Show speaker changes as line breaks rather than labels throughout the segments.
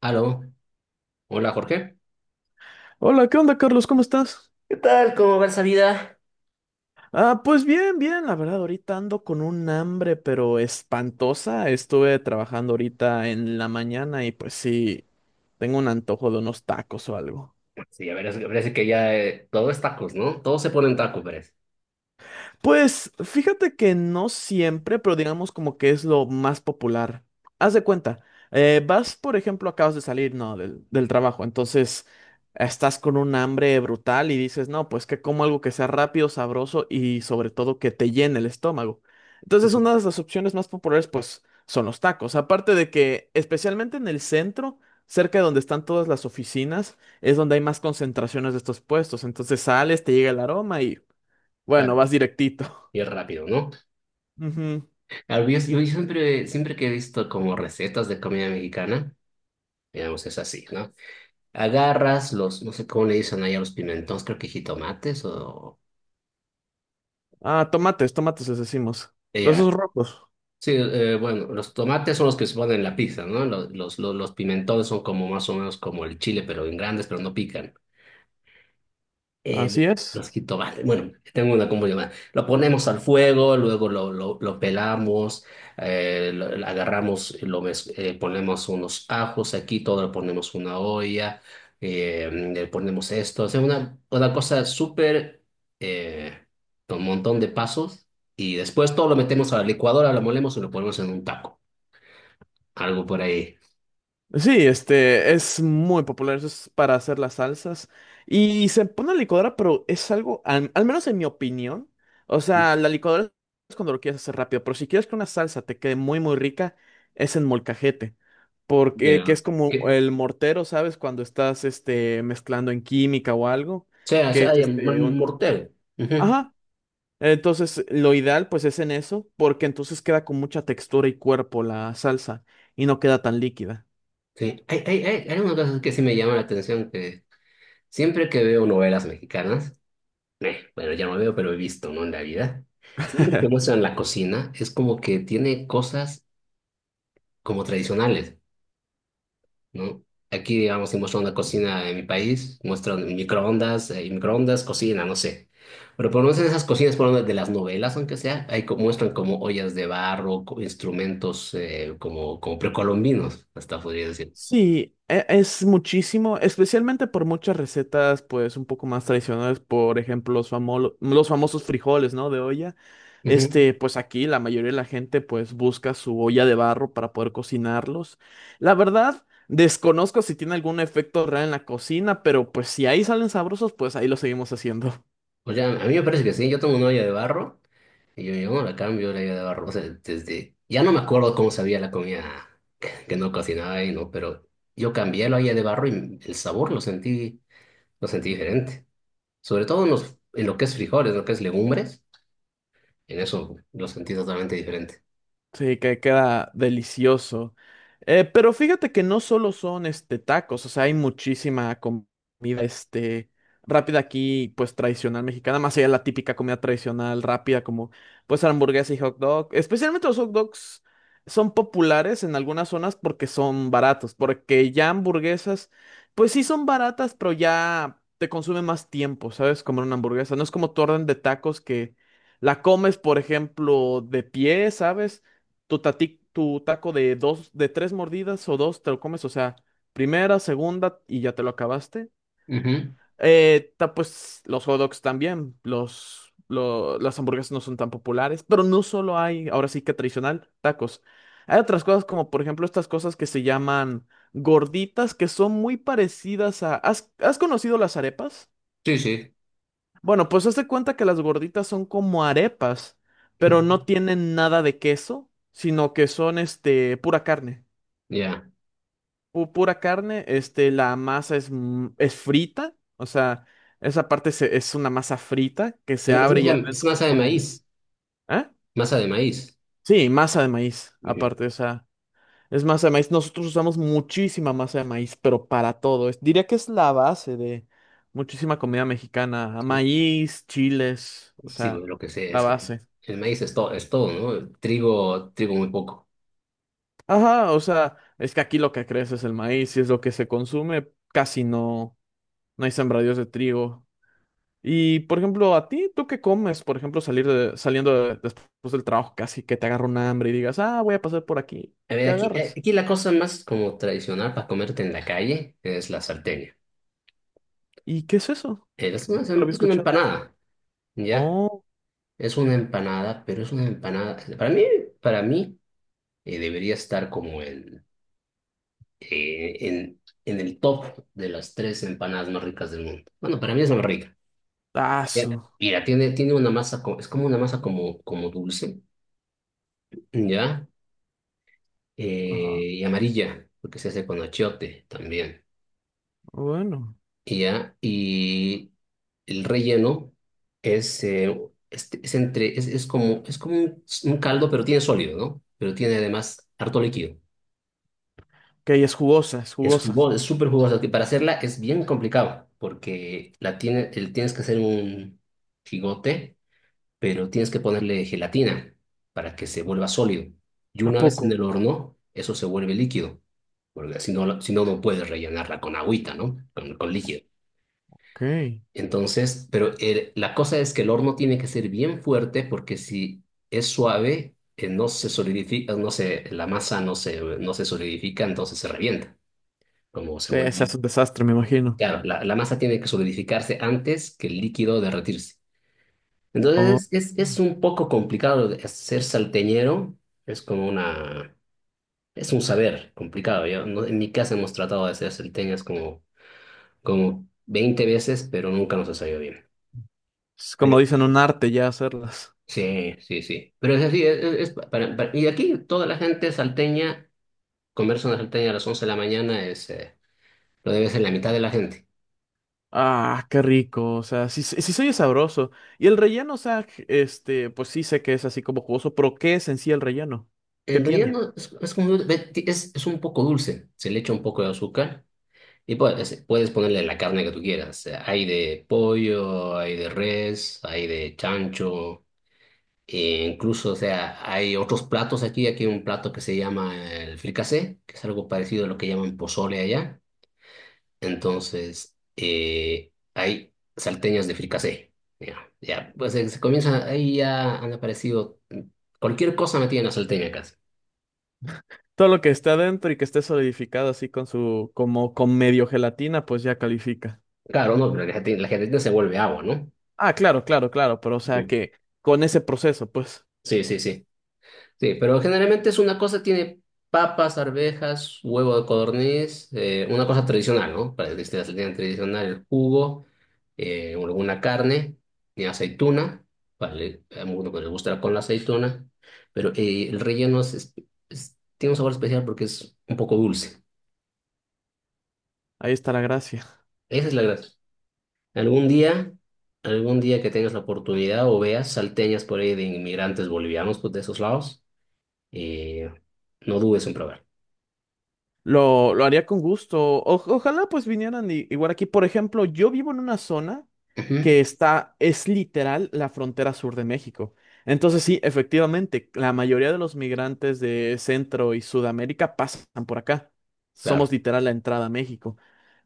Aló, hola Jorge.
Hola, ¿qué onda, Carlos? ¿Cómo estás?
¿Qué tal? ¿Cómo va esa vida?
Pues bien, la verdad, ahorita ando con un hambre, pero espantosa. Estuve trabajando ahorita en la mañana y pues sí, tengo un antojo de unos tacos o algo.
Sí, a ver, parece que ya todo es tacos, ¿no? Todo se pone en tacos, parece.
Pues fíjate que no siempre, pero digamos como que es lo más popular. Haz de cuenta, vas, por ejemplo, acabas de salir, ¿no? del trabajo, entonces estás con un hambre brutal y dices, no, pues que como algo que sea rápido, sabroso y sobre todo que te llene el estómago. Entonces,
Ujú.
una de las opciones más populares, pues, son los tacos. Aparte de que, especialmente en el centro, cerca de donde están todas las oficinas, es donde hay más concentraciones de estos puestos. Entonces sales, te llega el aroma y, bueno,
Claro.
vas directito.
Y es rápido, ¿no?
Ujú.
Claro, yo siempre, siempre que he visto como recetas de comida mexicana, digamos, es así, ¿no? Agarras los, no sé cómo le dicen ahí a los pimentones, creo que jitomates o...
Tomates, tomates les decimos. Los
Ya.
esos rojos,
Sí, bueno, los tomates son los que se ponen en la pizza, ¿no? Los pimentones son como más o menos como el chile, pero en grandes, pero no pican. eh,
así es.
los jitomates, bueno, tengo una como llamada. Lo ponemos al fuego, luego lo pelamos, lo agarramos, ponemos unos ajos aquí, todo lo ponemos en una olla, le ponemos esto. O sea, una cosa súper, eh, con un montón de pasos. Y después todo lo metemos a la licuadora, lo molemos y lo ponemos en un taco. Algo por ahí.
Sí, este es muy popular, eso es para hacer las salsas. Y se pone a la licuadora, pero es algo, al menos en mi opinión, o
Sí.
sea, la licuadora es cuando lo quieres hacer rápido, pero si quieres que una salsa te quede muy, muy rica, es en molcajete. Porque que
Ya.
es
Que,
como
o
el mortero, ¿sabes? Cuando estás este, mezclando en química o algo,
sea, o
que
sea,
es
hay un
este, un,
mortero. Ujú.
ajá. Entonces, lo ideal pues es en eso, porque entonces queda con mucha textura y cuerpo la salsa y no queda tan líquida.
Sí, hay algunas cosas que sí me llaman la atención, que siempre que veo novelas mexicanas, bueno, ya no veo, pero he visto, ¿no? En la vida, siempre que muestran la cocina, es como que tiene cosas como tradicionales, ¿no? Aquí, digamos, si muestran una cocina en mi país, muestran microondas, y microondas, cocina, no sé. Pero por lo menos en esas cocinas, por lo menos de las novelas, aunque sea, ahí muestran como ollas de barro, instrumentos como, como precolombinos, hasta podría
Sí, es muchísimo, especialmente por muchas recetas pues un poco más tradicionales, por ejemplo, los los famosos frijoles, ¿no? De olla.
decir.
Este, pues aquí la mayoría de la gente pues busca su olla de barro para poder cocinarlos. La verdad, desconozco si tiene algún efecto real en la cocina, pero pues si ahí salen sabrosos, pues ahí lo seguimos haciendo.
O sea, a mí me parece que sí, yo tengo una olla de barro y yo no la cambio la olla de barro. O sea, desde, ya no me acuerdo cómo sabía la comida que no cocinaba y no, pero yo cambié la olla de barro y el sabor lo sentí diferente. Sobre todo en, los, en lo que es frijoles, lo que es legumbres, en eso lo sentí totalmente diferente.
Sí, que queda delicioso. Pero fíjate que no solo son este tacos, o sea, hay muchísima comida este rápida aquí, pues tradicional mexicana, más allá de la típica comida tradicional rápida como pues hamburguesa y hot dog. Especialmente los hot dogs son populares en algunas zonas porque son baratos, porque ya hamburguesas, pues sí son baratas, pero ya te consume más tiempo, ¿sabes? Comer una hamburguesa. No es como tu orden de tacos que la comes, por ejemplo, de pie, ¿sabes? Tu, tu taco de dos, de tres mordidas o dos te lo comes, o sea, primera, segunda y ya te lo acabaste.
Ujú.
Pues los hot dogs también, las hamburguesas no son tan populares, pero no solo hay, ahora sí que tradicional, tacos. Hay otras cosas como por ejemplo estas cosas que se llaman gorditas, que son muy parecidas a... ¿Has conocido las arepas?
Sí, sí.
Bueno, pues hazte cuenta que las gorditas son como arepas,
Ujú.
pero no tienen nada de queso, sino que son este pura carne.
Ya.
Pura carne, este, la masa es, es frita, o sea, esa parte es una masa frita que se
Es
abre y
masa, es
adentro se
masa de
pone,
maíz,
¿eh?
masa de maíz.
Sí, masa de maíz,
Ujú.
aparte, o sea, es masa de maíz. Nosotros usamos muchísima masa de maíz, pero para todo. Diría que es la base de muchísima comida mexicana, maíz, chiles, o
Sí,
sea,
güey, lo que sé
la
es que
base.
el maíz es todo, ¿no? Trigo, trigo muy poco.
Ajá, o sea, es que aquí lo que crece es el maíz y es lo que se consume, casi no, no hay sembradíos de trigo. Y, por ejemplo, a ti, ¿tú qué comes? Por ejemplo, después del trabajo, casi que te agarra un hambre y digas, ah, voy a pasar por aquí.
A ver,
¿Qué
aquí,
agarras?
aquí la cosa más como tradicional para comerte en la calle es la salteña.
¿Y qué es eso? Nunca lo había
Es una
escuchado.
empanada, ¿ya?
Oh,
Es una empanada, pero es una empanada. Para mí debería estar como en el top de las 3 empanadas más ricas del mundo. Bueno, para mí es la más rica. ¿Ya?
tazo.
Mira, tiene una masa, es como una masa como, como dulce, ¿ya?
Ajá.
Y amarilla, porque se hace con achiote también.
Bueno.
Y ya, y el relleno es, es como un caldo, pero tiene sólido, ¿no? Pero tiene además harto líquido.
Ok, es jugosa, es
Es
jugosa.
jugoso, es súper jugoso, que para hacerla es bien complicado, porque la tiene, el, tienes que hacer un gigote, pero tienes que ponerle gelatina para que se vuelva sólido. Y
¿A
una vez
poco?
en el horno, eso se vuelve líquido, porque si no, si no, no puedes rellenarla con agüita, ¿no? Con líquido.
Ok.
Entonces, pero la cosa es que el horno tiene que ser bien fuerte porque si es suave, no se solidifica, no se, la masa no se, no se solidifica, entonces se revienta, como se
Sí, se
vuelve.
hace un desastre, me imagino.
Claro, la masa tiene que solidificarse antes que el líquido derretirse.
Oh.
Entonces, es un poco complicado ser salteñero, es como una, es un saber complicado. Yo, no- En mi casa hemos tratado de ser salteñas como, como 20 veces, pero nunca nos ha salido bien.
Es como dicen, un arte ya hacerlas.
Sí, sí, sí. Pero es así, es pa- para- y aquí toda la gente salteña, comerse una salteña a las 11 de la mañana es, lo debe ser la mitad de la gente.
Ah, qué rico, o sea, sí, sí se oye sabroso. Y el relleno, o sea, este, pues sí sé que es así como jugoso, pero ¿qué es en sí el relleno? ¿Qué
En realidad
tiene?
no, es como, es un poco dulce, se le echa un poco de azúcar y puedes, puedes ponerle la carne que tú quieras. Hay de pollo, hay de res, hay de chancho, e incluso, o sea, hay otros platos aquí, aquí hay un plato que se llama el fricasé, que es algo parecido a lo que llaman pozole allá. Entonces, hay salteñas de fricasé. Ya, ya, pues se comienza, ahí ya han aparecido cualquier cosa metida en la salteña casi.
Todo lo que está adentro y que esté solidificado así con su, como con medio gelatina, pues ya califica.
Claro, no, pero la gente se vuelve agua, ¿no?
Ah, claro, claro, claro, pero o sea
Sí.
que con ese proceso, pues
Sí, sí, sí. Sí, pero generalmente es una cosa, tiene papas, arvejas, huevo de codorniz, una cosa tradicional, ¿no? Para que esté la salida tradicional, el jugo, alguna carne, y aceituna, para a uno que le gustará con la aceituna, pero el relleno tiene un sabor especial porque es un poco dulce.
ahí está la gracia.
Esa es la gracia. Algún día, algún día que tengas la oportunidad o veas salteñas por ahí de inmigrantes bolivianos pues, de esos lados, eh, no dudes en probar.
Lo haría con gusto. Ojalá pues vinieran igual aquí. Por ejemplo, yo vivo en una zona
Ujú.
que está, es literal la frontera sur de México. Entonces sí, efectivamente, la mayoría de los migrantes de Centro y Sudamérica pasan por acá.
Claro.
Somos literal la entrada a México.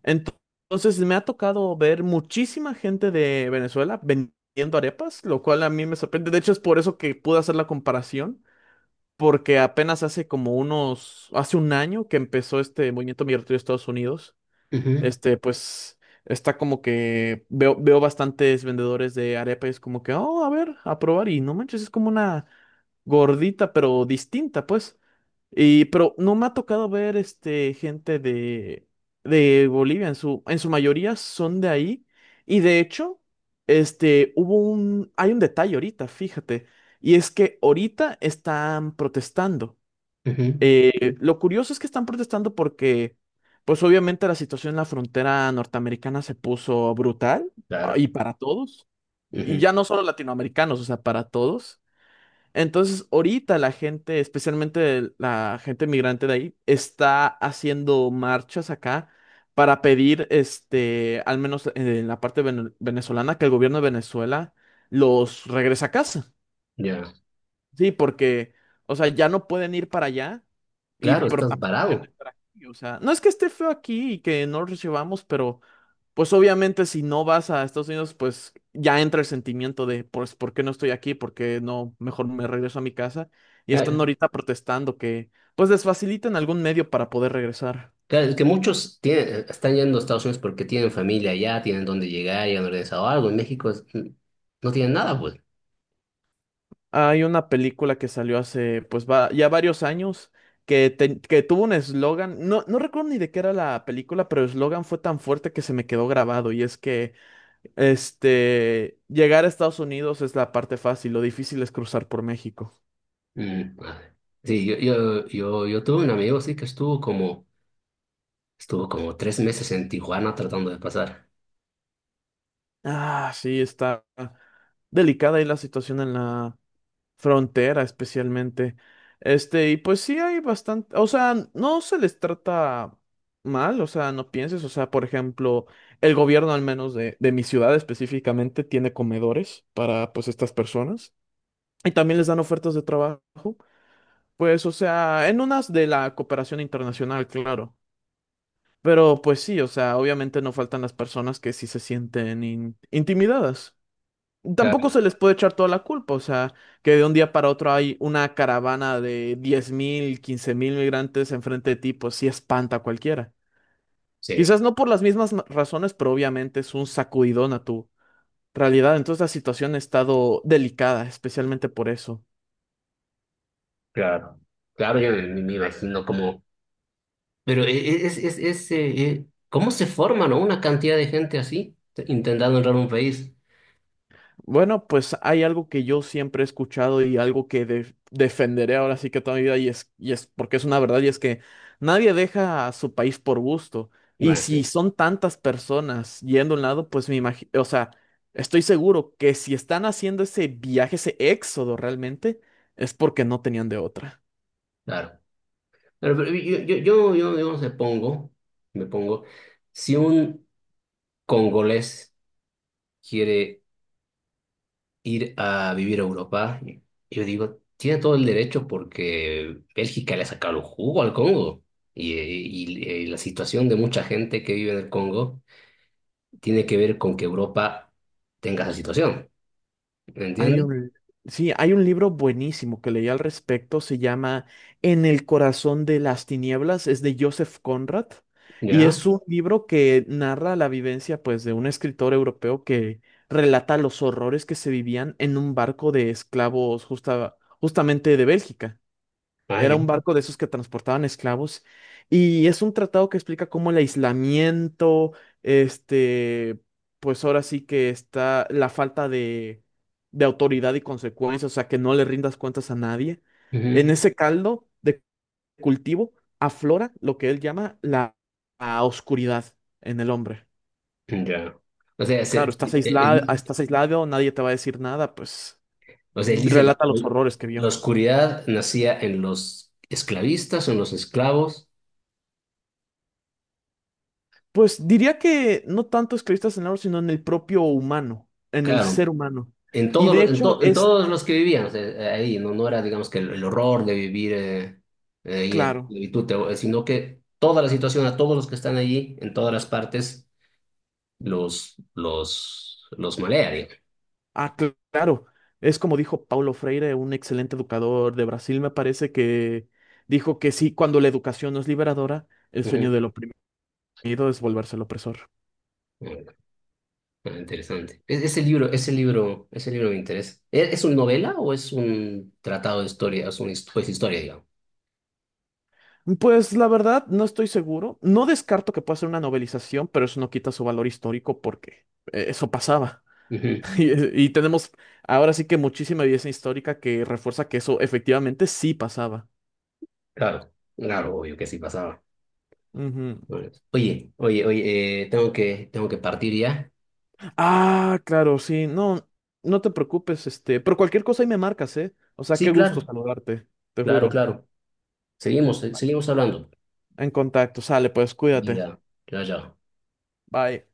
Ento- Entonces me ha tocado ver muchísima gente de Venezuela vendiendo arepas, lo cual a mí me sorprende. De hecho, es por eso que pude hacer la comparación, porque apenas hace como unos, hace un año que empezó este movimiento migratorio de Estados Unidos.
Ujú,
Este, pues está como que veo, veo bastantes vendedores de arepa y es como que, oh, a ver, a probar y no manches, es como una gordita, pero distinta, pues. Y, pero no me ha tocado ver, este, gente de Bolivia, en su mayoría son de ahí. Y de hecho, este, hubo un, hay un detalle ahorita, fíjate, y es que ahorita están protestando.
ujú.
Lo curioso es que están protestando porque, pues obviamente la situación en la frontera norteamericana se puso brutal, ah,
Claro.
y para todos, y
Ujú.
ya no solo latinoamericanos, o sea, para todos. Entonces, ahorita la gente, especialmente la gente migrante de ahí, está haciendo marchas acá para pedir, este, al menos en la parte venezolana, que el gobierno de Venezuela los regrese a casa.
Ya.
Sí, porque, o sea, ya no pueden ir para allá y
Claro,
pero
estás
tampoco quieren
parado.
estar aquí. O sea, no es que esté feo aquí y que no lo recibamos, pero pues obviamente si no vas a Estados Unidos, pues ya entra el sentimiento de, pues, ¿por qué no estoy aquí? ¿Por qué no? Mejor me regreso a mi casa. Y
Ah.
están ahorita protestando que, pues, les faciliten algún medio para poder regresar.
Claro, es que muchos tienen- están yendo a Estados Unidos porque tienen familia allá, tienen dónde llegar, y han organizado algo. En México no tienen nada, pues.
Hay una película que salió hace, pues, va, ya varios años. Que, que tuvo un eslogan, no, no recuerdo ni de qué era la película, pero el eslogan fue tan fuerte que se me quedó grabado y es que, este, llegar a Estados Unidos es la parte fácil, lo difícil es cruzar por México.
Mm. Sí, yo tuve un amigo, sí, que estuvo como 3 meses en Tijuana tratando de pasar.
Ah, sí, está delicada ahí la situación en la frontera, especialmente. Este, y pues sí hay bastante, o sea, no se les trata mal, o sea, no pienses, o sea, por ejemplo, el gobierno al menos de mi ciudad específicamente tiene comedores para pues estas personas y también les dan ofertas de trabajo, pues, o sea, en unas de la cooperación internacional, claro. Pero pues sí, o sea, obviamente no faltan las personas que sí se sienten intimidadas.
Claro.
Tampoco se les puede echar toda la culpa, o sea, que de un día para otro hay una caravana de 10,000 15,000 migrantes enfrente de ti, pues sí espanta a cualquiera.
Sí,
Quizás no por las mismas razones, pero obviamente es un sacudidón a tu realidad. Entonces la situación ha estado delicada, especialmente por eso.
claro. Claro, me imagino como... Pero es, ¿cómo se forma, no? Una cantidad de gente así, intentando entrar a un país.
Bueno, pues hay algo que yo siempre he escuchado y algo que defenderé ahora sí que toda mi vida y es porque es una verdad y es que nadie deja a su país por gusto. Y
Bueno,
si
sí,
son tantas personas yendo a un lado, pues me imagino, o sea, estoy seguro que si están haciendo ese viaje, ese éxodo realmente, es porque no tenían de otra.
claro. Pero yo no sé, pongo, me pongo, si un congolés quiere ir a vivir a Europa, yo digo, tiene todo el derecho porque Bélgica le ha sacado el jugo al Congo. Y, la situación de mucha gente que vive en el Congo tiene que ver con que Europa tenga esa situación. ¿Me
Hay
entiendes?
un, sí, hay un libro buenísimo que leí al respecto, se llama En el corazón de las tinieblas, es de Joseph Conrad, y es
Ya.
un libro que narra la vivencia, pues, de un escritor europeo que relata los horrores que se vivían en un barco de esclavos justamente de Bélgica.
Ah, ya.
Era un barco de esos que transportaban esclavos y es un tratado que explica cómo el aislamiento, este, pues ahora sí que está la falta de autoridad y consecuencias, o sea, que no le rindas cuentas a nadie. En
Ujú.
ese caldo de cultivo aflora lo que él llama la, la oscuridad en el hombre.
Ya. O sea, se-
Claro,
el,
estás aislado, nadie te va a decir nada, pues
O sea, él dice,
relata los horrores que
la
vio.
oscuridad nacía en los esclavistas, en los esclavos,
Pues diría que no tanto esclavistas en el oro, sino en el propio humano, en el
claro,
ser humano.
en,
Y
todo,
de
en,
hecho
en
es
todos los que vivían, o sea, ahí, no, no era, digamos, que el horror de vivir ahí en
claro,
esclavitud, sino que toda la situación, a todos los que están allí, en todas las partes, los malea, digamos.
ah, claro, es como dijo Paulo Freire, un excelente educador de Brasil, me parece que dijo que sí, cuando la educación no es liberadora, el sueño
Ujú.
del oprimido es volverse el opresor.
Ah, interesante. Ese libro, ese libro me interesa. ¿Es una novela o es un tratado de historia? Es una pues, historia,
Pues la verdad, no estoy seguro. No descarto que pueda ser una novelización, pero eso no quita su valor histórico porque eso pasaba.
digamos.
Y, y tenemos ahora sí que muchísima evidencia histórica que refuerza que eso efectivamente sí pasaba.
Claro, claro, obvio que sí pasaba.
Ujú.
Bueno, oye, oye, oye, tengo que partir ya.
Ah, claro, sí, no, no te preocupes, este, pero cualquier cosa ahí me marcas, ¿eh? O sea, qué
Sí,
gusto
claro,
saludarte, te
claro,
juro.
claro. Seguimos, seguimos hablando.
En contacto, sale, pues cuídate.
Ya, ya, ya.
Bye.